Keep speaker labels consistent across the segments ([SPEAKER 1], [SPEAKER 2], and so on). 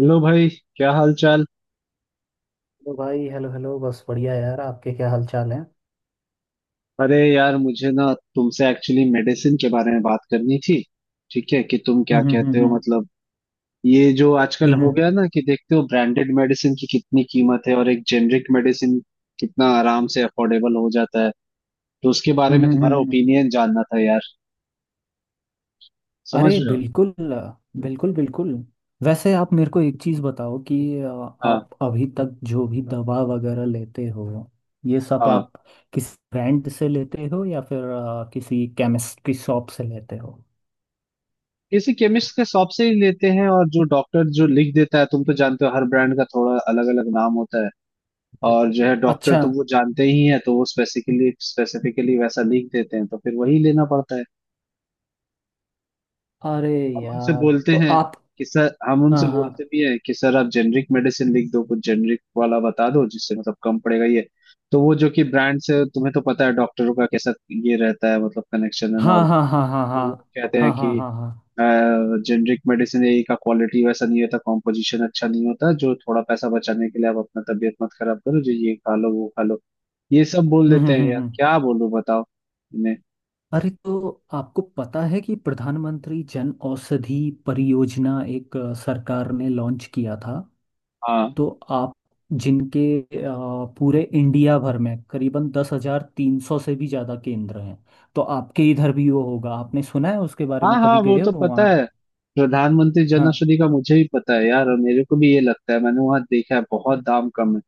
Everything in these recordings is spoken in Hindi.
[SPEAKER 1] हेलो भाई। क्या हाल चाल।
[SPEAKER 2] हेलो भाई। हेलो हेलो, बस बढ़िया यार। आपके क्या हाल चाल है?
[SPEAKER 1] अरे यार मुझे ना तुमसे एक्चुअली मेडिसिन के बारे में बात करनी थी। ठीक है कि तुम क्या कहते हो
[SPEAKER 2] हम्म।
[SPEAKER 1] मतलब ये जो आजकल हो
[SPEAKER 2] हम्म
[SPEAKER 1] गया ना कि देखते हो ब्रांडेड मेडिसिन की कितनी कीमत है और एक जेनरिक मेडिसिन कितना आराम से अफोर्डेबल हो जाता है। तो उसके बारे
[SPEAKER 2] हम्म
[SPEAKER 1] में
[SPEAKER 2] हम्म,
[SPEAKER 1] तुम्हारा
[SPEAKER 2] हम्म।
[SPEAKER 1] ओपिनियन जानना था यार। समझ
[SPEAKER 2] अरे
[SPEAKER 1] रहे हो।
[SPEAKER 2] बिल्कुल। बिल्कुल बिल्कुल। वैसे आप मेरे को एक चीज़ बताओ कि
[SPEAKER 1] हाँ,
[SPEAKER 2] आप अभी तक जो भी दवा वगैरह लेते हो, ये सब
[SPEAKER 1] हाँ,
[SPEAKER 2] आप किस ब्रांड से लेते हो या फिर किसी केमिस्ट्री शॉप से लेते हो?
[SPEAKER 1] किसी केमिस्ट के शॉप से ही लेते हैं और जो डॉक्टर जो लिख देता है तुम तो जानते हो हर ब्रांड का थोड़ा अलग अलग नाम होता है। और जो है डॉक्टर
[SPEAKER 2] अच्छा।
[SPEAKER 1] तो वो जानते ही हैं, तो वो स्पेसिफिकली स्पेसिफिकली वैसा लिख देते हैं तो फिर वही लेना पड़ता है।
[SPEAKER 2] अरे
[SPEAKER 1] हम उनसे
[SPEAKER 2] यार,
[SPEAKER 1] बोलते
[SPEAKER 2] तो
[SPEAKER 1] हैं
[SPEAKER 2] आप।
[SPEAKER 1] कि सर, हम
[SPEAKER 2] हाँ
[SPEAKER 1] उनसे
[SPEAKER 2] हाँ
[SPEAKER 1] बोलते भी हैं कि सर आप जेनरिक मेडिसिन लिख दो, कुछ जेनरिक वाला बता दो जिससे मतलब कम पड़ेगा ये। तो वो जो कि ब्रांड से तुम्हें तो पता है डॉक्टरों का कैसा ये रहता है मतलब कनेक्शन एंड ऑल।
[SPEAKER 2] हाँ हाँ हाँ हाँ
[SPEAKER 1] तो वो
[SPEAKER 2] हाँ
[SPEAKER 1] कहते हैं
[SPEAKER 2] हाँ हाँ
[SPEAKER 1] कि
[SPEAKER 2] हाँ हाँ हाँ।
[SPEAKER 1] जेनरिक मेडिसिन यही का क्वालिटी वैसा नहीं होता, कॉम्पोजिशन अच्छा नहीं होता, जो थोड़ा पैसा बचाने के लिए आप अपना तबीयत मत खराब करो, जो ये खा लो वो खा लो। ये सब बोल देते हैं यार
[SPEAKER 2] हम्म।
[SPEAKER 1] क्या बोलूं बताओ इन्हें।
[SPEAKER 2] अरे तो आपको पता है कि प्रधानमंत्री जन औषधि परियोजना एक, सरकार ने लॉन्च किया था।
[SPEAKER 1] हाँ
[SPEAKER 2] तो आप जिनके, पूरे इंडिया भर में करीबन 10,300 से भी ज़्यादा केंद्र हैं। तो आपके इधर भी वो होगा? आपने सुना है उसके बारे
[SPEAKER 1] हाँ
[SPEAKER 2] में?
[SPEAKER 1] हाँ,
[SPEAKER 2] कभी
[SPEAKER 1] वो
[SPEAKER 2] गए हो
[SPEAKER 1] तो पता
[SPEAKER 2] वहाँ?
[SPEAKER 1] है। प्रधानमंत्री जन
[SPEAKER 2] हाँ
[SPEAKER 1] औषधि का मुझे भी पता है यार, और मेरे को भी ये लगता है, मैंने वहां देखा है बहुत दाम कम है।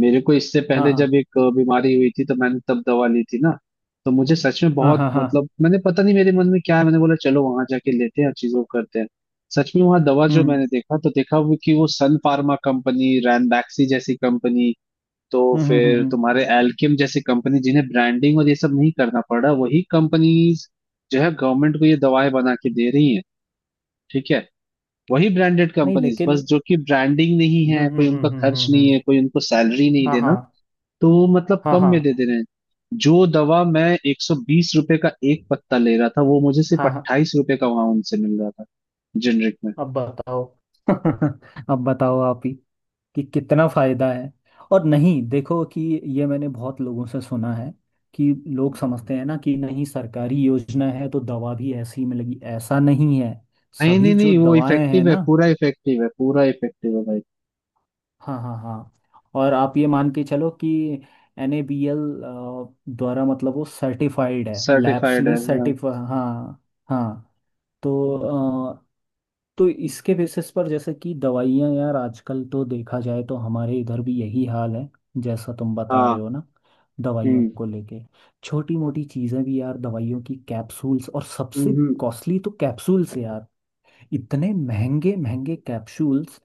[SPEAKER 1] मेरे को इससे
[SPEAKER 2] हाँ
[SPEAKER 1] पहले जब
[SPEAKER 2] हाँ
[SPEAKER 1] एक बीमारी हुई थी तो मैंने तब दवा ली थी ना। तो मुझे सच में
[SPEAKER 2] हाँ
[SPEAKER 1] बहुत
[SPEAKER 2] हाँ हाँ।
[SPEAKER 1] मतलब मैंने पता नहीं मेरे मन में क्या है, मैंने बोला चलो वहां जाके लेते हैं और चीजों को करते हैं। सच में वहां दवा जो
[SPEAKER 2] हम्म
[SPEAKER 1] मैंने देखा तो देखा वो कि वो सन फार्मा कंपनी, रैनबैक्सी जैसी कंपनी, तो
[SPEAKER 2] हम्म हम्म हम्म
[SPEAKER 1] फिर
[SPEAKER 2] हम्म।
[SPEAKER 1] तुम्हारे एल्केम जैसी कंपनी जिन्हें ब्रांडिंग और ये सब नहीं करना पड़ रहा, वही कंपनीज जो है गवर्नमेंट को ये दवाएं बना के दे रही हैं। ठीक है। वही ब्रांडेड
[SPEAKER 2] नहीं,
[SPEAKER 1] कंपनीज
[SPEAKER 2] लेकिन
[SPEAKER 1] बस जो कि ब्रांडिंग नहीं है कोई, उनका खर्च नहीं
[SPEAKER 2] हम्म।
[SPEAKER 1] है कोई, उनको सैलरी नहीं
[SPEAKER 2] हाँ हाँ
[SPEAKER 1] देना, तो वो मतलब
[SPEAKER 2] हाँ
[SPEAKER 1] कम
[SPEAKER 2] हाँ
[SPEAKER 1] में दे दे रहे हैं। जो दवा मैं 120 रुपए का एक पत्ता ले रहा था वो मुझे सिर्फ
[SPEAKER 2] हाँ हाँ।
[SPEAKER 1] 28 रुपए का वहां उनसे मिल रहा था, जेनरिक में।
[SPEAKER 2] अब बताओ। अब बताओ, आप ही कि कितना फायदा है। और नहीं, देखो कि ये मैंने बहुत लोगों से सुना है कि लोग समझते हैं ना कि नहीं, सरकारी योजना है तो दवा भी ऐसी ही मिलेगी, ऐसा नहीं है।
[SPEAKER 1] नहीं नहीं
[SPEAKER 2] सभी जो
[SPEAKER 1] नहीं, वो
[SPEAKER 2] दवाएं हैं
[SPEAKER 1] इफेक्टिव है,
[SPEAKER 2] ना।
[SPEAKER 1] पूरा इफेक्टिव है, पूरा इफेक्टिव है भाई।
[SPEAKER 2] हाँ हाँ हाँ। और आप ये मान के चलो कि एनएबीएल द्वारा, मतलब वो सर्टिफाइड है, लैब्स
[SPEAKER 1] सर्टिफाइड है
[SPEAKER 2] में
[SPEAKER 1] हाँ।
[SPEAKER 2] सर्टिफा हाँ। हाँ। तो तो इसके बेसिस पर, जैसे कि दवाइयाँ यार, आजकल तो देखा जाए तो हमारे इधर भी यही हाल है जैसा तुम बता
[SPEAKER 1] हाँ,
[SPEAKER 2] रहे हो ना। दवाइयों
[SPEAKER 1] हम्म
[SPEAKER 2] को लेके छोटी मोटी चीज़ें भी यार, दवाइयों की कैप्सूल्स, और सबसे
[SPEAKER 1] हम्म,
[SPEAKER 2] कॉस्टली तो कैप्सूल्स यार। इतने महंगे महंगे कैप्सूल्स।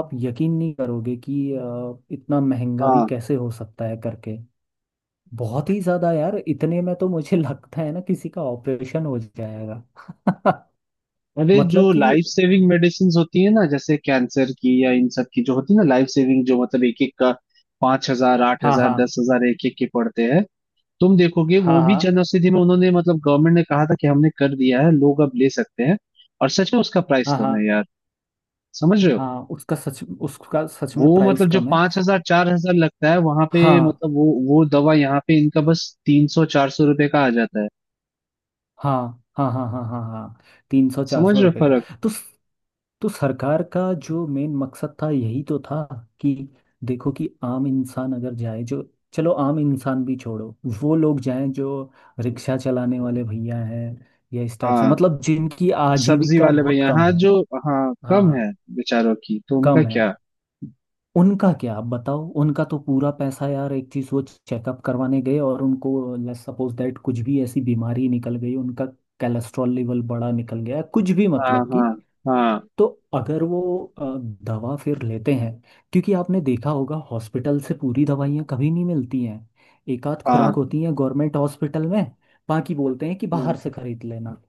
[SPEAKER 2] आप यकीन नहीं करोगे कि इतना महंगा भी
[SPEAKER 1] हाँ।
[SPEAKER 2] कैसे हो सकता है करके। बहुत ही ज़्यादा यार, इतने में तो मुझे लगता है ना किसी का ऑपरेशन हो जाएगा।
[SPEAKER 1] अरे
[SPEAKER 2] मतलब
[SPEAKER 1] जो
[SPEAKER 2] कि।
[SPEAKER 1] लाइफ सेविंग मेडिसिन होती है ना जैसे कैंसर की या इन सब की जो होती है ना, लाइफ सेविंग, जो मतलब एक एक का पांच हजार आठ
[SPEAKER 2] हाँ
[SPEAKER 1] हजार
[SPEAKER 2] हाँ
[SPEAKER 1] दस हजार एक एक के पड़ते हैं। तुम देखोगे
[SPEAKER 2] हाँ
[SPEAKER 1] वो भी
[SPEAKER 2] हाँ
[SPEAKER 1] जन औषधि में उन्होंने मतलब गवर्नमेंट ने कहा था कि हमने कर दिया है, लोग अब ले सकते हैं। और सच में उसका प्राइस
[SPEAKER 2] हाँ
[SPEAKER 1] कम है
[SPEAKER 2] हाँ
[SPEAKER 1] यार। समझ रहे हो,
[SPEAKER 2] हाँ। उसका सच में
[SPEAKER 1] वो
[SPEAKER 2] प्राइस
[SPEAKER 1] मतलब जो
[SPEAKER 2] कम है।
[SPEAKER 1] 5,000, 4,000 लगता है वहां पे,
[SPEAKER 2] हाँ
[SPEAKER 1] मतलब वो दवा यहाँ पे इनका बस 300, 400 रुपए का आ जाता है।
[SPEAKER 2] हाँ हाँ हाँ हाँ हाँ हाँ। तीन सौ चार
[SPEAKER 1] समझ
[SPEAKER 2] सौ
[SPEAKER 1] रहे हो
[SPEAKER 2] रुपये का।
[SPEAKER 1] फर्क।
[SPEAKER 2] तो सरकार का जो मेन मकसद था यही तो था कि देखो कि आम इंसान अगर जाए जो, चलो आम इंसान भी छोड़ो, वो लोग जाएं जो रिक्शा चलाने वाले भैया हैं, या इस टाइप से
[SPEAKER 1] हाँ,
[SPEAKER 2] मतलब जिनकी
[SPEAKER 1] सब्जी
[SPEAKER 2] आजीविका
[SPEAKER 1] वाले
[SPEAKER 2] बहुत
[SPEAKER 1] भैया,
[SPEAKER 2] कम
[SPEAKER 1] हाँ
[SPEAKER 2] है।
[SPEAKER 1] जो हाँ कम
[SPEAKER 2] हाँ,
[SPEAKER 1] है, बेचारों की तो उनका
[SPEAKER 2] कम है।
[SPEAKER 1] क्या।
[SPEAKER 2] उनका क्या आप बताओ? उनका तो पूरा पैसा यार, एक चीज वो चेकअप करवाने गए और उनको लेट्स सपोज दैट कुछ भी ऐसी बीमारी निकल गई, उनका कोलेस्ट्रॉल लेवल बड़ा निकल गया, कुछ भी
[SPEAKER 1] हाँ
[SPEAKER 2] मतलब कि।
[SPEAKER 1] हाँ हाँ
[SPEAKER 2] तो अगर वो अ, दवा फिर लेते हैं, क्योंकि आपने देखा होगा हॉस्पिटल से पूरी दवाइयाँ कभी नहीं मिलती हैं। एक आध खुराक
[SPEAKER 1] हाँ
[SPEAKER 2] होती है गवर्नमेंट हॉस्पिटल में, बाकी बोलते हैं कि
[SPEAKER 1] हाँ
[SPEAKER 2] बाहर से खरीद लेना।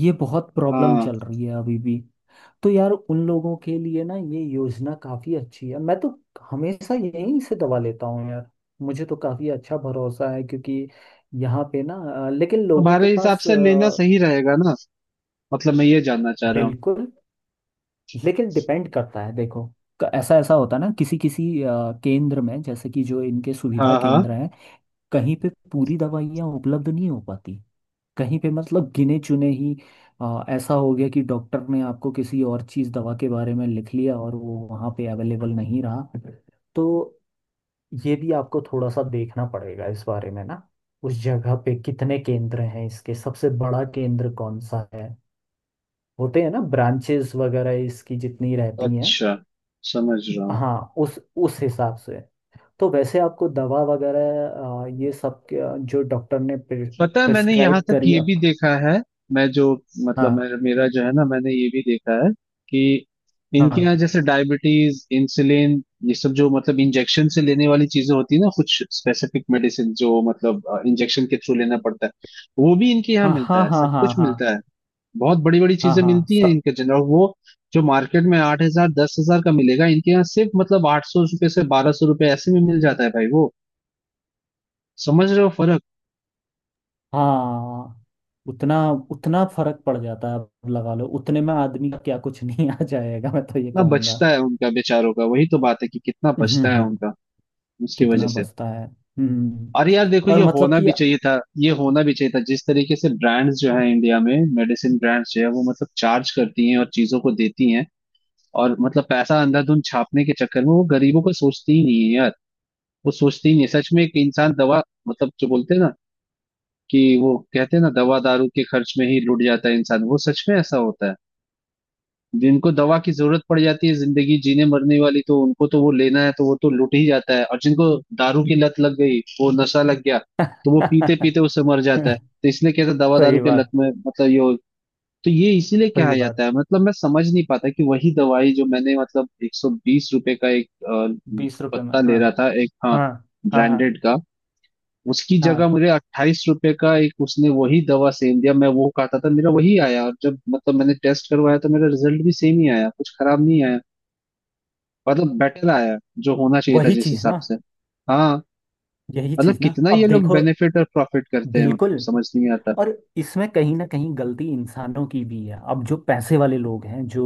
[SPEAKER 2] ये बहुत प्रॉब्लम
[SPEAKER 1] हाँ,
[SPEAKER 2] चल रही है अभी भी। तो यार उन लोगों के लिए ना ये योजना काफी अच्छी है। मैं तो हमेशा यहीं से दवा लेता हूँ यार। मुझे तो काफी अच्छा भरोसा है क्योंकि यहाँ पे ना, लेकिन लोगों के
[SPEAKER 1] हमारे हिसाब
[SPEAKER 2] पास
[SPEAKER 1] से लेना सही रहेगा ना, मतलब मैं ये जानना चाह रहा हूँ।
[SPEAKER 2] बिल्कुल। लेकिन डिपेंड करता है, देखो, ऐसा ऐसा होता है ना किसी किसी केंद्र में, जैसे कि जो इनके सुविधा
[SPEAKER 1] हाँ हाँ।
[SPEAKER 2] केंद्र हैं, कहीं पे पूरी दवाइयाँ उपलब्ध नहीं हो पाती, कहीं पे मतलब गिने चुने ही। ऐसा हो गया कि डॉक्टर ने आपको किसी और चीज़ दवा के बारे में लिख लिया और वो वहाँ पे अवेलेबल नहीं रहा। तो ये भी आपको थोड़ा सा देखना पड़ेगा इस बारे में ना, उस जगह पे कितने केंद्र हैं, इसके सबसे बड़ा केंद्र कौन सा है, होते हैं ना ब्रांचेस वगैरह इसकी जितनी रहती हैं।
[SPEAKER 1] अच्छा, समझ रहा हूँ।
[SPEAKER 2] हाँ, उस हिसाब से। तो वैसे आपको दवा वगैरह, ये सब जो डॉक्टर ने
[SPEAKER 1] पता है मैंने यहाँ
[SPEAKER 2] प्रिस्क्राइब
[SPEAKER 1] तक
[SPEAKER 2] करी
[SPEAKER 1] ये भी
[SPEAKER 2] आप।
[SPEAKER 1] देखा है, मैं जो
[SPEAKER 2] हाँ
[SPEAKER 1] मतलब मेरा मेरा जो है ना, मैंने ये भी देखा है कि इनके
[SPEAKER 2] हाँ
[SPEAKER 1] यहाँ जैसे डायबिटीज, इंसुलिन, ये सब जो मतलब इंजेक्शन से लेने वाली चीजें होती है ना, कुछ स्पेसिफिक मेडिसिन जो मतलब इंजेक्शन के थ्रू लेना पड़ता है, वो भी इनके यहाँ
[SPEAKER 2] हाँ
[SPEAKER 1] मिलता
[SPEAKER 2] हाँ
[SPEAKER 1] है,
[SPEAKER 2] हाँ
[SPEAKER 1] सब
[SPEAKER 2] हाँ
[SPEAKER 1] कुछ
[SPEAKER 2] हाँ
[SPEAKER 1] मिलता है। बहुत बड़ी बड़ी
[SPEAKER 2] हाँ
[SPEAKER 1] चीजें
[SPEAKER 2] हाँ,
[SPEAKER 1] मिलती हैं
[SPEAKER 2] सब।
[SPEAKER 1] इनके जन और वो, जो मार्केट में 8,000, 10,000 का मिलेगा इनके यहाँ सिर्फ मतलब 800 रुपये से 1,200 रुपये ऐसे में मिल जाता है भाई वो। समझ रहे हो फर्क,
[SPEAKER 2] हाँ। उतना उतना फर्क पड़ जाता है। अब लगा लो उतने में आदमी का क्या कुछ नहीं आ जाएगा, मैं तो ये
[SPEAKER 1] कितना
[SPEAKER 2] कहूँगा।
[SPEAKER 1] बचता है उनका बेचारों का, वही तो बात है कि कितना
[SPEAKER 2] हम्म हम्म,
[SPEAKER 1] बचता है
[SPEAKER 2] हम्म,
[SPEAKER 1] उनका, उसकी वजह
[SPEAKER 2] कितना
[SPEAKER 1] से।
[SPEAKER 2] बचता है
[SPEAKER 1] और यार देखो,
[SPEAKER 2] और
[SPEAKER 1] ये
[SPEAKER 2] मतलब
[SPEAKER 1] होना
[SPEAKER 2] कि।
[SPEAKER 1] भी चाहिए था, ये होना भी चाहिए था, जिस तरीके से ब्रांड्स जो है इंडिया में, मेडिसिन ब्रांड्स जो है वो मतलब चार्ज करती हैं और चीजों को देती हैं, और मतलब पैसा अंधाधुंध छापने के चक्कर में वो गरीबों को सोचती ही नहीं है यार। वो सोचती ही नहीं है। सच में एक इंसान दवा, मतलब जो बोलते हैं ना कि वो कहते हैं ना, दवा दारू के खर्च में ही लुट जाता है इंसान, वो सच में ऐसा होता है। जिनको दवा की जरूरत पड़ जाती है जिंदगी जीने मरने वाली, तो उनको तो वो लेना है तो वो तो लूट ही जाता है, और जिनको दारू की लत लग गई वो नशा लग गया तो वो पीते पीते उससे मर जाता है। तो इसलिए कहते हैं, दवा दारू
[SPEAKER 2] सही
[SPEAKER 1] के लत
[SPEAKER 2] बात।
[SPEAKER 1] में मतलब तो ये इसीलिए
[SPEAKER 2] सही
[SPEAKER 1] कहा
[SPEAKER 2] बात।
[SPEAKER 1] जाता है। मतलब मैं समझ नहीं पाता कि वही दवाई जो मैंने मतलब 120 रुपए का एक
[SPEAKER 2] 20 रुपए में।
[SPEAKER 1] पत्ता ले
[SPEAKER 2] हाँ
[SPEAKER 1] रहा था एक, हाँ,
[SPEAKER 2] हाँ हाँ हाँ
[SPEAKER 1] ब्रांडेड का, उसकी जगह
[SPEAKER 2] हाँ।
[SPEAKER 1] मुझे 28 रुपए का एक उसने वही दवा सेम दिया, मैं वो खाता था, मेरा वही आया और जब मतलब मैंने टेस्ट करवाया तो मेरा रिजल्ट भी सेम ही आया, कुछ खराब नहीं आया, मतलब बेटर आया, जो होना चाहिए था
[SPEAKER 2] वही
[SPEAKER 1] जिस
[SPEAKER 2] चीज
[SPEAKER 1] हिसाब
[SPEAKER 2] ना।
[SPEAKER 1] से। हाँ,
[SPEAKER 2] यही
[SPEAKER 1] मतलब
[SPEAKER 2] चीज ना,
[SPEAKER 1] कितना ये
[SPEAKER 2] अब
[SPEAKER 1] लोग
[SPEAKER 2] देखो,
[SPEAKER 1] बेनिफिट और प्रॉफिट करते हैं, मतलब
[SPEAKER 2] बिल्कुल।
[SPEAKER 1] समझ नहीं आता।
[SPEAKER 2] और इसमें कहीं ना कहीं गलती इंसानों की भी है। अब जो पैसे वाले लोग हैं, जो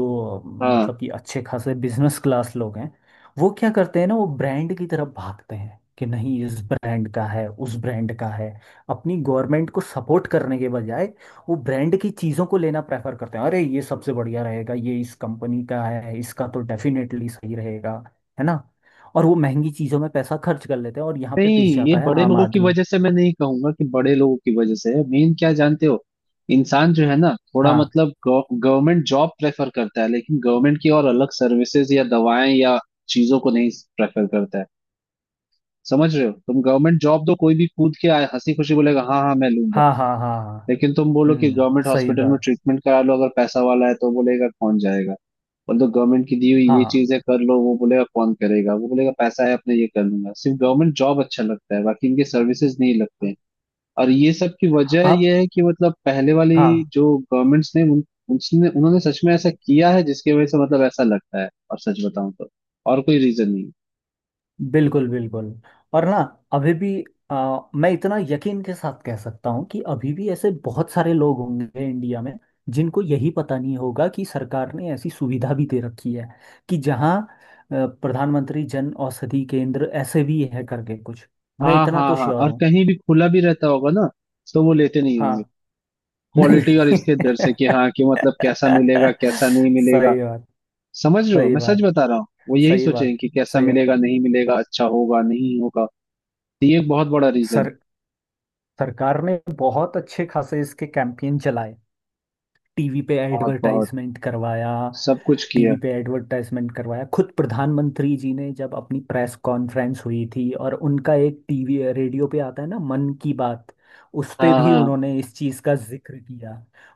[SPEAKER 1] हाँ,
[SPEAKER 2] मतलब कि अच्छे खासे बिजनेस क्लास लोग हैं, वो क्या करते हैं ना, वो ब्रांड की तरफ भागते हैं कि नहीं इस ब्रांड का है उस ब्रांड का है। अपनी गवर्नमेंट को सपोर्ट करने के बजाय वो ब्रांड की चीज़ों को लेना प्रेफर करते हैं। अरे ये सबसे बढ़िया रहेगा, ये इस कंपनी का है, इसका तो डेफिनेटली सही रहेगा। है ना। और वो महंगी चीज़ों में पैसा खर्च कर लेते हैं और यहाँ पे पिस
[SPEAKER 1] नहीं ये
[SPEAKER 2] जाता है
[SPEAKER 1] बड़े
[SPEAKER 2] आम
[SPEAKER 1] लोगों की
[SPEAKER 2] आदमी।
[SPEAKER 1] वजह से मैं नहीं कहूंगा कि बड़े लोगों की वजह से है, मेन क्या जानते हो, इंसान जो है ना थोड़ा
[SPEAKER 2] हाँ
[SPEAKER 1] मतलब गवर्नमेंट जॉब प्रेफर करता है लेकिन गवर्नमेंट की और अलग सर्विसेज या दवाएं या चीजों को नहीं प्रेफर करता है। समझ रहे हो, तुम गवर्नमेंट जॉब दो, कोई भी कूद के आए, हंसी खुशी बोलेगा हाँ हाँ मैं लूंगा,
[SPEAKER 2] हाँ हाँ हाँ हाँ।
[SPEAKER 1] लेकिन तुम बोलो कि
[SPEAKER 2] हम्म,
[SPEAKER 1] गवर्नमेंट
[SPEAKER 2] सही
[SPEAKER 1] हॉस्पिटल में
[SPEAKER 2] बात।
[SPEAKER 1] ट्रीटमेंट करा लो अगर पैसा वाला है तो बोलेगा कौन जाएगा। मतलब गवर्नमेंट की दी हुई ये
[SPEAKER 2] हाँ,
[SPEAKER 1] चीजें कर लो, वो बोलेगा कौन करेगा, वो बोलेगा पैसा है अपने ये कर लूंगा, सिर्फ गवर्नमेंट जॉब अच्छा लगता है बाकी इनके सर्विसेज नहीं लगते हैं। और ये सब की वजह
[SPEAKER 2] आप,
[SPEAKER 1] ये है कि मतलब पहले वाली
[SPEAKER 2] हाँ,
[SPEAKER 1] जो गवर्नमेंट्स ने उसने उन्होंने सच में ऐसा किया है जिसकी वजह से मतलब ऐसा लगता है, और सच बताऊं तो और कोई रीजन नहीं है।
[SPEAKER 2] बिल्कुल बिल्कुल। और ना अभी भी, मैं इतना यकीन के साथ कह सकता हूँ कि अभी भी ऐसे बहुत सारे लोग होंगे इंडिया में जिनको यही पता नहीं होगा कि सरकार ने ऐसी सुविधा भी दे रखी है कि जहाँ अ, प्रधानमंत्री जन औषधि केंद्र ऐसे भी है करके कुछ। मैं
[SPEAKER 1] हाँ
[SPEAKER 2] इतना
[SPEAKER 1] हाँ
[SPEAKER 2] तो
[SPEAKER 1] हाँ,
[SPEAKER 2] श्योर
[SPEAKER 1] और
[SPEAKER 2] हूँ।
[SPEAKER 1] कहीं भी खुला भी रहता होगा ना तो वो लेते नहीं
[SPEAKER 2] हाँ,
[SPEAKER 1] होंगे क्वालिटी और
[SPEAKER 2] नहीं।
[SPEAKER 1] इसके डर से, कि हाँ कि मतलब कैसा मिलेगा कैसा नहीं मिलेगा।
[SPEAKER 2] सही बात।
[SPEAKER 1] समझ रहे हो,
[SPEAKER 2] सही
[SPEAKER 1] मैं सच
[SPEAKER 2] बात।
[SPEAKER 1] बता रहा हूँ, वो यही
[SPEAKER 2] सही
[SPEAKER 1] सोचेंगे
[SPEAKER 2] बात।
[SPEAKER 1] कि कैसा
[SPEAKER 2] सही है।
[SPEAKER 1] मिलेगा नहीं मिलेगा, अच्छा होगा नहीं होगा। तो ये एक बहुत बड़ा रीजन है।
[SPEAKER 2] सर सरकार ने बहुत अच्छे खासे इसके कैंपेन चलाए, टीवी पे
[SPEAKER 1] बहुत बहुत,
[SPEAKER 2] एडवर्टाइजमेंट करवाया
[SPEAKER 1] सब कुछ किया।
[SPEAKER 2] टीवी पे एडवर्टाइजमेंट करवाया खुद प्रधानमंत्री जी ने जब अपनी प्रेस कॉन्फ्रेंस हुई थी। और उनका एक टीवी रेडियो पे आता है ना, मन की बात, उस पे
[SPEAKER 1] हाँ
[SPEAKER 2] भी
[SPEAKER 1] हाँ,
[SPEAKER 2] उन्होंने इस चीज़ का जिक्र किया।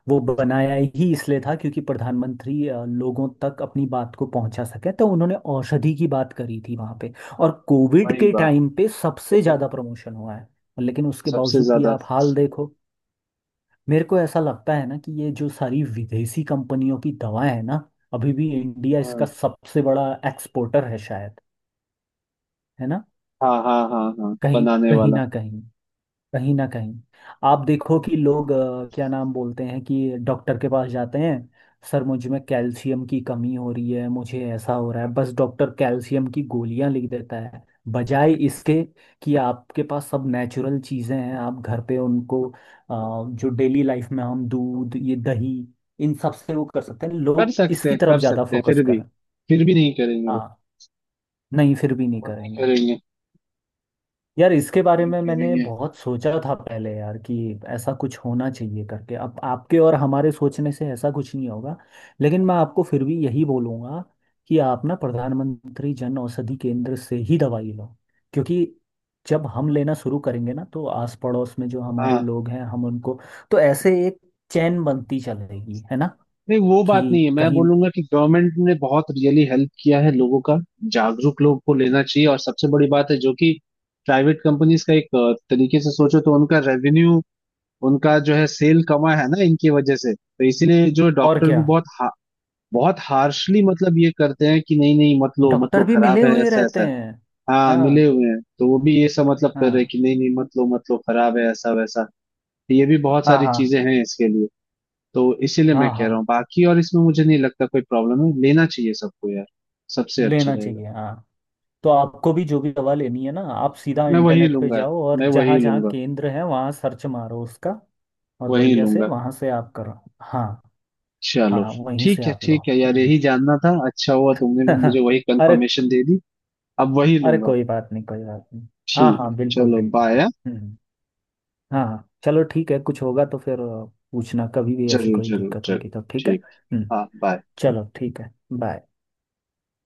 [SPEAKER 2] वो बनाया ही इसलिए था क्योंकि प्रधानमंत्री लोगों तक अपनी बात को पहुंचा सके, तो उन्होंने औषधि की बात करी थी वहां पे। और कोविड
[SPEAKER 1] वही
[SPEAKER 2] के
[SPEAKER 1] बात,
[SPEAKER 2] टाइम पे सबसे ज्यादा प्रमोशन हुआ है। लेकिन उसके
[SPEAKER 1] सबसे
[SPEAKER 2] बावजूद भी
[SPEAKER 1] ज्यादा।
[SPEAKER 2] आप हाल देखो। मेरे को ऐसा लगता है ना कि ये जो सारी विदेशी कंपनियों की दवाएं हैं ना, अभी भी इंडिया
[SPEAKER 1] हाँ
[SPEAKER 2] इसका सबसे बड़ा एक्सपोर्टर है शायद, है ना।
[SPEAKER 1] हाँ हाँ हाँ हाँ,
[SPEAKER 2] कहीं
[SPEAKER 1] बनाने
[SPEAKER 2] कहीं
[SPEAKER 1] वाला।
[SPEAKER 2] ना कहीं, कहीं ना कहीं आप देखो कि लोग क्या नाम बोलते हैं कि डॉक्टर के पास जाते हैं, सर मुझ में कैल्शियम की कमी हो रही है, मुझे ऐसा हो रहा है, बस डॉक्टर कैल्शियम की गोलियां लिख देता है, बजाय इसके कि आपके पास सब नेचुरल चीज़ें हैं, आप घर पे उनको, जो डेली लाइफ में हम दूध, ये दही, इन सब से वो कर सकते हैं,
[SPEAKER 1] कर
[SPEAKER 2] लोग
[SPEAKER 1] सकते
[SPEAKER 2] इसकी
[SPEAKER 1] हैं
[SPEAKER 2] तरफ
[SPEAKER 1] कर
[SPEAKER 2] ज़्यादा
[SPEAKER 1] सकते हैं,
[SPEAKER 2] फोकस करें।
[SPEAKER 1] फिर भी नहीं करेंगे वो
[SPEAKER 2] हाँ, नहीं फिर भी नहीं
[SPEAKER 1] वो नहीं
[SPEAKER 2] करेंगे।
[SPEAKER 1] करेंगे,
[SPEAKER 2] यार इसके
[SPEAKER 1] वो
[SPEAKER 2] बारे
[SPEAKER 1] नहीं
[SPEAKER 2] में मैंने
[SPEAKER 1] करेंगे।
[SPEAKER 2] बहुत सोचा था पहले यार कि ऐसा कुछ होना चाहिए करके, अब आपके और हमारे सोचने से ऐसा कुछ नहीं होगा। लेकिन मैं आपको फिर भी यही बोलूँगा कि आप ना प्रधानमंत्री जन औषधि केंद्र से ही दवाई लो, क्योंकि जब हम लेना शुरू करेंगे ना तो आस पड़ोस में जो हमारे
[SPEAKER 1] हाँ,
[SPEAKER 2] लोग हैं हम उनको, तो ऐसे एक चैन बनती चलेगी है ना।
[SPEAKER 1] नहीं वो बात नहीं
[SPEAKER 2] कि
[SPEAKER 1] है, मैं
[SPEAKER 2] कहीं
[SPEAKER 1] बोलूंगा कि गवर्नमेंट ने बहुत रियली हेल्प किया है लोगों का। जागरूक लोग को लेना चाहिए, और सबसे बड़ी बात है जो कि प्राइवेट कंपनीज का एक तरीके से सोचो तो उनका रेवेन्यू, उनका जो है सेल कमा है ना इनकी वजह से, तो इसीलिए जो
[SPEAKER 2] और
[SPEAKER 1] डॉक्टर भी
[SPEAKER 2] क्या,
[SPEAKER 1] बहुत बहुत हार्शली मतलब ये करते हैं कि नहीं नहीं मत लो मत लो,
[SPEAKER 2] डॉक्टर भी मिले
[SPEAKER 1] खराब है,
[SPEAKER 2] हुए
[SPEAKER 1] ऐसा
[SPEAKER 2] रहते
[SPEAKER 1] ऐसा है।
[SPEAKER 2] हैं।
[SPEAKER 1] हाँ
[SPEAKER 2] हाँ
[SPEAKER 1] मिले हुए हैं, तो वो भी ये सब मतलब कर रहे हैं
[SPEAKER 2] हाँ
[SPEAKER 1] कि नहीं नहीं मत लो मत लो, खराब है ऐसा वैसा, ये भी बहुत
[SPEAKER 2] हाँ
[SPEAKER 1] सारी
[SPEAKER 2] हाँ
[SPEAKER 1] चीजें हैं इसके लिए। तो इसीलिए मैं
[SPEAKER 2] हाँ
[SPEAKER 1] कह
[SPEAKER 2] हाँ,
[SPEAKER 1] रहा हूँ, बाकी और इसमें मुझे नहीं लगता कोई प्रॉब्लम है, लेना चाहिए सबको यार, सबसे अच्छा
[SPEAKER 2] लेना
[SPEAKER 1] रहेगा।
[SPEAKER 2] चाहिए हाँ। तो आपको भी जो भी दवा लेनी है ना, आप सीधा
[SPEAKER 1] मैं वही
[SPEAKER 2] इंटरनेट पे
[SPEAKER 1] लूंगा,
[SPEAKER 2] जाओ और
[SPEAKER 1] मैं
[SPEAKER 2] जहाँ
[SPEAKER 1] वही
[SPEAKER 2] जहाँ
[SPEAKER 1] लूंगा,
[SPEAKER 2] केंद्र है वहाँ सर्च मारो उसका। और
[SPEAKER 1] वही
[SPEAKER 2] बढ़िया से
[SPEAKER 1] लूंगा।
[SPEAKER 2] वहाँ से आप करो। हाँ
[SPEAKER 1] चलो,
[SPEAKER 2] हाँ, वहीं से आप लो।
[SPEAKER 1] ठीक है यार,
[SPEAKER 2] हम्म।
[SPEAKER 1] यही जानना था, अच्छा हुआ तुमने भी मुझे वही
[SPEAKER 2] अरे।
[SPEAKER 1] कंफर्मेशन दे दी। अब वही
[SPEAKER 2] अरे
[SPEAKER 1] लूंगा।
[SPEAKER 2] कोई बात नहीं, कोई बात नहीं। हाँ
[SPEAKER 1] ठीक।
[SPEAKER 2] हाँ बिल्कुल
[SPEAKER 1] चलो
[SPEAKER 2] बिल्कुल।
[SPEAKER 1] बाय।
[SPEAKER 2] हम्म। हाँ हाँ चलो, ठीक है। कुछ होगा तो फिर पूछना कभी भी, ऐसी
[SPEAKER 1] जरूर
[SPEAKER 2] कोई
[SPEAKER 1] जरूर
[SPEAKER 2] दिक्कत
[SPEAKER 1] जरूर,
[SPEAKER 2] होगी तो ठीक है
[SPEAKER 1] ठीक,
[SPEAKER 2] हम्म।
[SPEAKER 1] हाँ बाय।
[SPEAKER 2] चलो ठीक है। बाय।